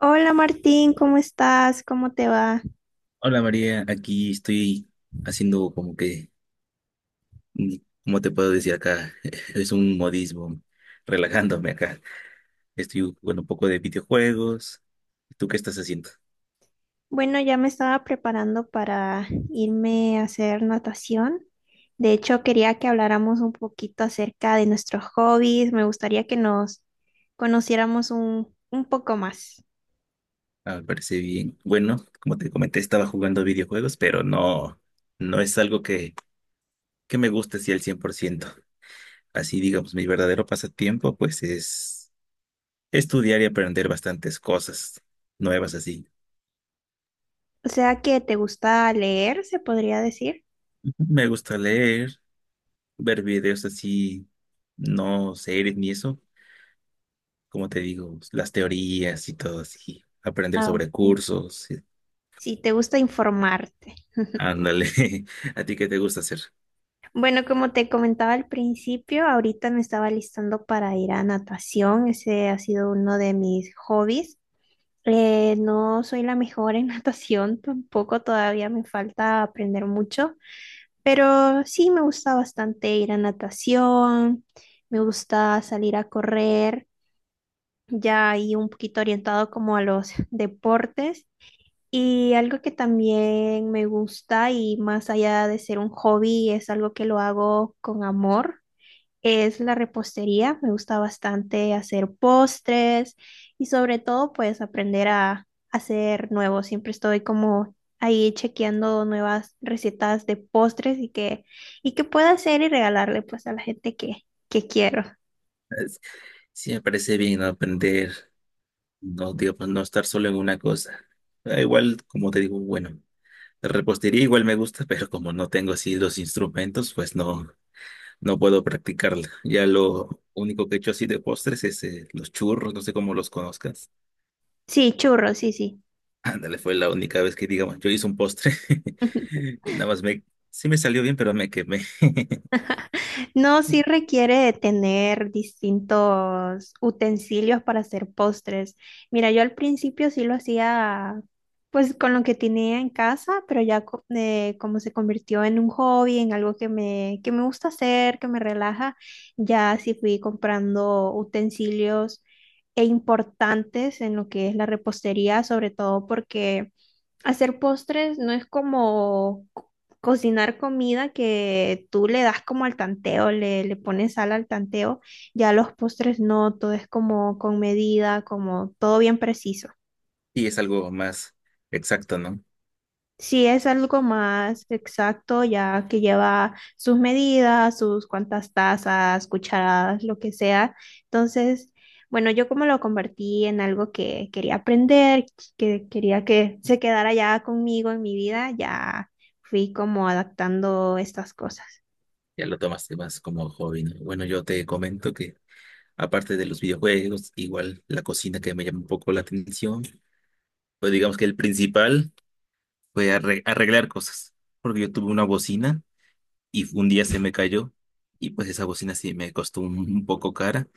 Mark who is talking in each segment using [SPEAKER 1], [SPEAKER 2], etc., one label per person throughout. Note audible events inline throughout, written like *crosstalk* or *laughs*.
[SPEAKER 1] Hola Martín, ¿cómo estás? ¿Cómo te va?
[SPEAKER 2] Hola María, aquí estoy haciendo como que, mm, ¿cómo te puedo decir acá? *laughs* Es un modismo, relajándome acá. Estoy jugando un poco de videojuegos. ¿Tú qué estás haciendo?
[SPEAKER 1] Bueno, ya me estaba preparando para irme a hacer natación. De hecho, quería que habláramos un poquito acerca de nuestros hobbies. Me gustaría que nos conociéramos un poco más.
[SPEAKER 2] Ah, me parece bien. Bueno, como te comenté, estaba jugando videojuegos, pero no es algo que me guste así al 100%. Así, digamos, mi verdadero pasatiempo, pues es estudiar y aprender bastantes cosas nuevas así.
[SPEAKER 1] O sea, que te gusta leer, se podría decir.
[SPEAKER 2] Me gusta leer, ver videos así, no series ni eso, como te digo, las teorías y todo así, aprender
[SPEAKER 1] Ah,
[SPEAKER 2] sobre
[SPEAKER 1] ok.
[SPEAKER 2] cursos,
[SPEAKER 1] Si te gusta informarte.
[SPEAKER 2] ándale. *laughs* ¿A ti qué te gusta hacer?
[SPEAKER 1] Bueno, como te comentaba al principio, ahorita me estaba listando para ir a natación. Ese ha sido uno de mis hobbies. No soy la mejor en *laughs* natación, tampoco todavía me falta aprender mucho, pero sí me gusta bastante ir a natación, me gusta salir a correr, ya ahí un poquito orientado como a los *laughs* deportes. Y algo que también me gusta y más allá de ser un hobby, es algo que lo hago con amor es la repostería. Me gusta bastante hacer postres y sobre todo pues aprender a hacer nuevos. Siempre estoy como ahí chequeando nuevas recetas de postres y que pueda hacer y regalarle pues a la gente que quiero.
[SPEAKER 2] Es- Sí, me parece bien, ¿no? Aprender, no, digo, pues, no estar solo en una cosa. Ah, igual, como te digo, bueno, la repostería igual me gusta, *laughs* pero como no tengo así los instrumentos, pues no puedo practicarla. Ya lo único que he hecho así de postres es los churros, no sé cómo los conozcas.
[SPEAKER 1] Sí, churros, sí, sí.
[SPEAKER 2] Ándale, fue la única vez que, digamos, yo hice un postre. *laughs*
[SPEAKER 1] *laughs*
[SPEAKER 2] Y nada más sí me salió bien, pero me quemé. *laughs*
[SPEAKER 1] No, sí requiere de tener distintos utensilios para hacer postres. Mira, yo al principio sí lo hacía pues con lo que tenía en casa, pero ya como se convirtió en un hobby, en algo que me gusta hacer, que me relaja, ya sí fui comprando utensilios e importantes en lo que es la repostería, sobre todo porque hacer postres no es como cocinar comida que tú le das como al tanteo, le pones sal al tanteo. Ya los postres no, todo es como con medida, como todo bien preciso.
[SPEAKER 2] Y es algo más exacto, ¿no?
[SPEAKER 1] Si es algo más exacto, ya que lleva sus medidas, sus cuantas tazas, cucharadas, lo que sea. Entonces, bueno, yo como lo convertí en algo que quería aprender, que quería que se quedara ya conmigo en mi vida, ya fui como adaptando estas cosas.
[SPEAKER 2] Ya lo tomaste más como hobby, ¿no? Bueno, yo te comento que aparte de los videojuegos, igual la cocina que me llama un poco la atención, pues digamos que el principal fue arreglar cosas, porque yo tuve una bocina y un día se me cayó y pues esa bocina sí me costó un poco cara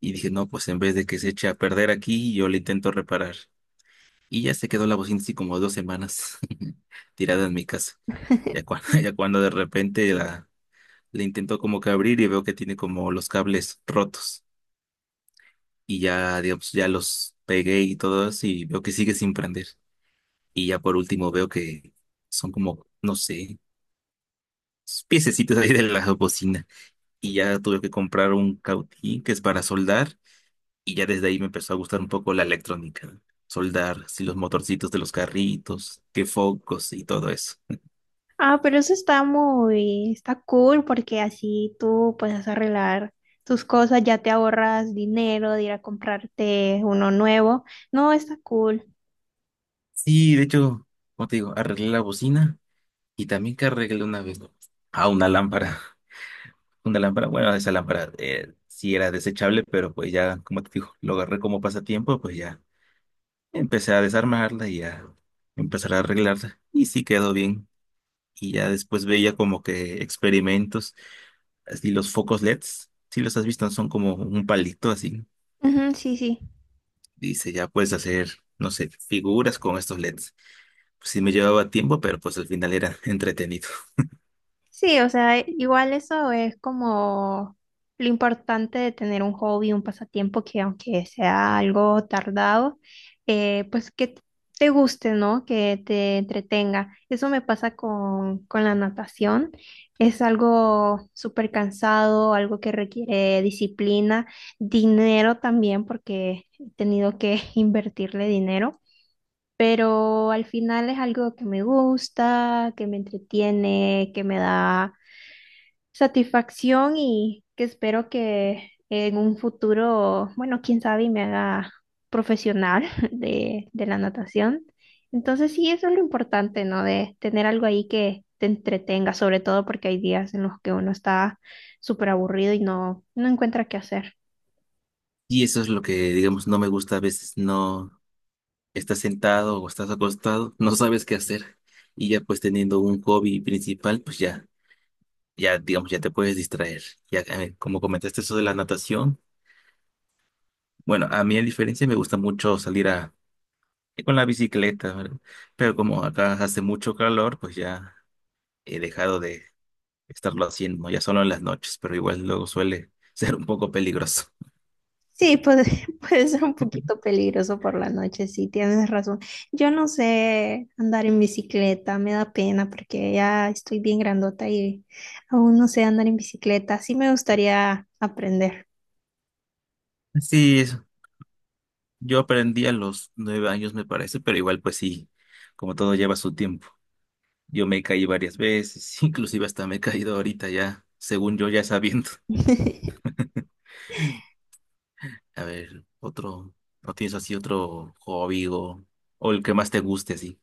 [SPEAKER 2] y dije, no, pues en vez de que se eche a perder aquí, yo la intento reparar. Y ya se quedó la bocina así como 2 semanas *laughs* tirada en mi casa. Ya
[SPEAKER 1] *laughs*
[SPEAKER 2] cuando, *laughs* ya cuando de repente le intento como que abrir y veo que tiene como los cables rotos. Y ya, digamos, ya los pegué y todo eso y veo que sigue sin prender. Y ya por último veo que son como, no sé, piececitos ahí de la bocina. Y ya tuve que comprar un cautín que es para soldar. Y ya desde ahí me empezó a gustar un poco la electrónica. Soldar, así los motorcitos de los carritos, que focos y todo eso.
[SPEAKER 1] Ah, pero eso está muy, está cool porque así tú puedes arreglar tus cosas, ya te ahorras dinero de ir a comprarte uno nuevo. No, está cool.
[SPEAKER 2] Sí, de hecho, como te digo, arreglé la bocina y también que arreglé una vez a una lámpara. *laughs* Una lámpara, bueno, esa lámpara sí era desechable, pero pues ya, como te digo, lo agarré como pasatiempo, pues ya empecé a desarmarla y a empezar a arreglarla. Y sí quedó bien. Y ya después veía como que experimentos, así los focos LEDs, si los has visto, son como un palito así.
[SPEAKER 1] Ujú, sí, sí.
[SPEAKER 2] Dice, ya puedes hacer, no sé, figuras con estos LEDs. Pues sí me llevaba tiempo, pero pues al final era *laughs* entretenido.
[SPEAKER 1] Sí, o sea, igual eso es como lo importante de tener un hobby, un pasatiempo que aunque sea algo tardado, pues que te guste, ¿no? Que te entretenga. Eso me pasa con la natación. Es algo súper cansado, algo que requiere disciplina, dinero también, porque he tenido que *laughs* invertirle dinero. Pero al final es algo que me gusta, que me entretiene, que me da satisfacción y que espero que en un futuro, bueno, quién sabe, y me haga profesional *laughs* de la natación. Entonces sí, eso es lo importante, ¿no? De tener algo ahí que te entretenga, sobre todo porque hay días en los que uno está súper aburrido y no encuentra qué hacer.
[SPEAKER 2] Y eso es lo que, digamos, no me gusta a veces, no estás sentado o estás acostado, no sabes qué hacer. Y ya pues teniendo un hobby principal, pues ya, ya, digamos, ya te puedes distraer. Ya, como comentaste eso de la natación, bueno, a mí a diferencia me gusta mucho salir con la bicicleta, ¿verdad? Pero como acá hace mucho calor, pues ya he dejado de estarlo haciendo, ya solo en las noches, pero igual luego suele *laughs* ser un poco peligroso.
[SPEAKER 1] Sí, puede, *laughs* puede ser un poquito peligroso por la noche, sí, tienes razón. Yo no sé andar en bicicleta, me da pena porque ya estoy bien grandota y aún no sé andar en bicicleta. Sí me gustaría aprender.
[SPEAKER 2] Sí, yo aprendí a los 9 años, me parece, pero igual pues sí, como todo lleva su tiempo. Yo me caí varias veces, *laughs* inclusive hasta me he caído ahorita ya, según yo ya sabiendo. *laughs*
[SPEAKER 1] *laughs*
[SPEAKER 2] A ver, otro, ¿no tienes así otro hobby o el que más te guste así,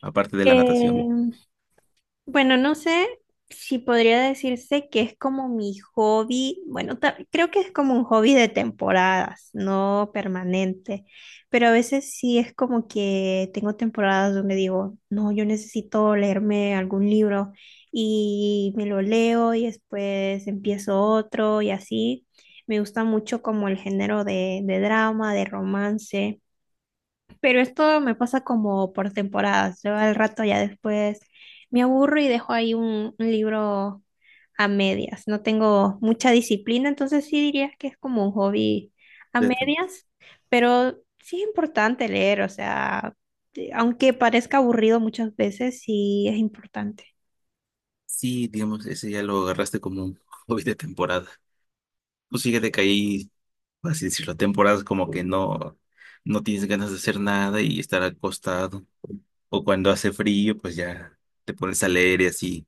[SPEAKER 2] aparte de la natación?
[SPEAKER 1] Eh, Bueno, no sé si podría decirse que es como mi hobby, bueno, creo que es como un hobby de temporadas, no permanente, pero a veces sí es como que tengo temporadas donde digo, no, yo necesito leerme algún libro y me lo leo y después empiezo otro y así. Me gusta mucho como el género de drama, de romance. Pero esto me pasa como por temporadas. Yo al rato ya después me aburro y dejo ahí un libro a medias. No tengo mucha disciplina, entonces sí diría que es como un hobby a
[SPEAKER 2] De tem-
[SPEAKER 1] medias, pero sí es importante leer, o sea, aunque parezca aburrido muchas veces, sí es importante.
[SPEAKER 2] sí, digamos, ese ya lo agarraste como un *laughs* hobby de temporada. Pues fíjate que ahí por así decirlo, temporadas como que no tienes ganas de hacer nada y estar acostado. O cuando hace frío, pues ya te pones a leer y así.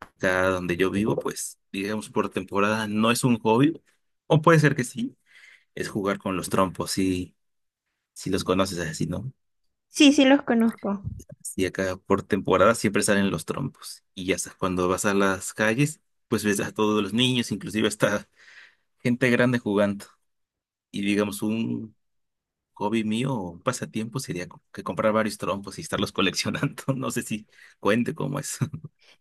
[SPEAKER 2] Acá donde yo vivo, pues digamos por temporada no es un hobby, o puede ser que sí, es jugar con los trompos, si los conoces así, ¿no?
[SPEAKER 1] Sí, sí los conozco.
[SPEAKER 2] Y acá por temporada siempre salen los trompos. Y ya sabes, cuando vas a las calles, pues ves a todos los niños, inclusive hasta gente grande jugando. Y digamos, un hobby mío o un pasatiempo sería que comprar varios trompos y estarlos coleccionando. *laughs* No sé si cuente cómo es.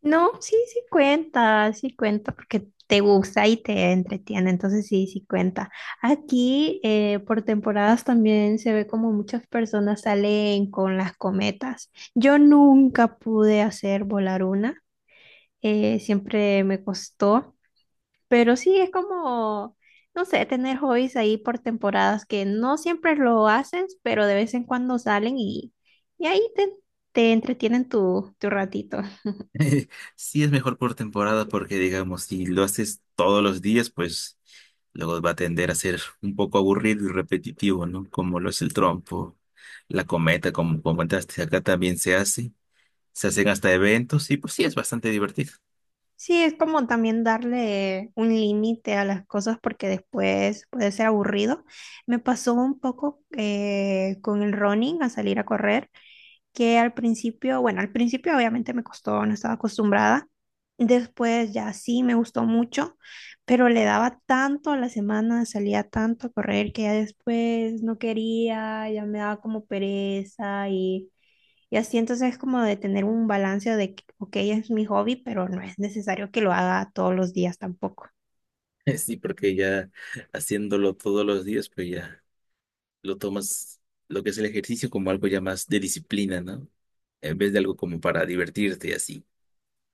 [SPEAKER 1] No, sí, sí cuenta, porque te gusta y te entretiene, entonces sí, sí cuenta. Aquí por temporadas también se ve como muchas personas salen con las cometas. Yo nunca pude hacer volar una, siempre me costó, pero sí es como, no sé, tener hobbies ahí por temporadas que no siempre lo haces, pero de vez en cuando salen y ahí te entretienen tu ratito.
[SPEAKER 2] *laughs* Sí es mejor por temporada porque, digamos, si lo haces todos los días, pues luego va a tender a ser un poco aburrido y repetitivo, ¿no? Como lo es el trompo, la cometa, como comentaste, acá también se hace. Se hacen hasta eventos y pues sí es bastante divertido.
[SPEAKER 1] Sí, es como también darle un límite a las cosas porque después puede ser aburrido. Me pasó un poco con el running, a salir a correr que al principio, bueno, al principio obviamente me costó, no estaba acostumbrada. Después ya sí me gustó mucho, pero le daba tanto a la semana, salía tanto a correr que ya después no quería, ya me daba como pereza y así. Entonces es como de tener un balance de que, ok, es mi hobby, pero no es necesario que lo haga todos los días tampoco.
[SPEAKER 2] *laughs* Sí, porque ya haciéndolo todos los días, pues ya. Lo tomas lo que es el ejercicio como algo ya más de disciplina, ¿no? En vez de algo como para divertirte y así.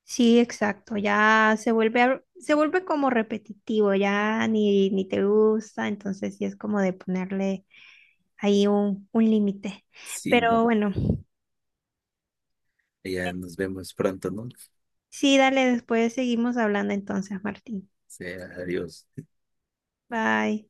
[SPEAKER 1] Sí, exacto, ya se vuelve, se vuelve como repetitivo, ya ni te gusta, entonces sí es como de ponerle ahí un límite.
[SPEAKER 2] Sí, ¿no?
[SPEAKER 1] Pero bueno,
[SPEAKER 2] Ya nos vemos pronto, ¿no?
[SPEAKER 1] sí, dale, después seguimos hablando entonces, Martín.
[SPEAKER 2] Sea, adiós.
[SPEAKER 1] Bye.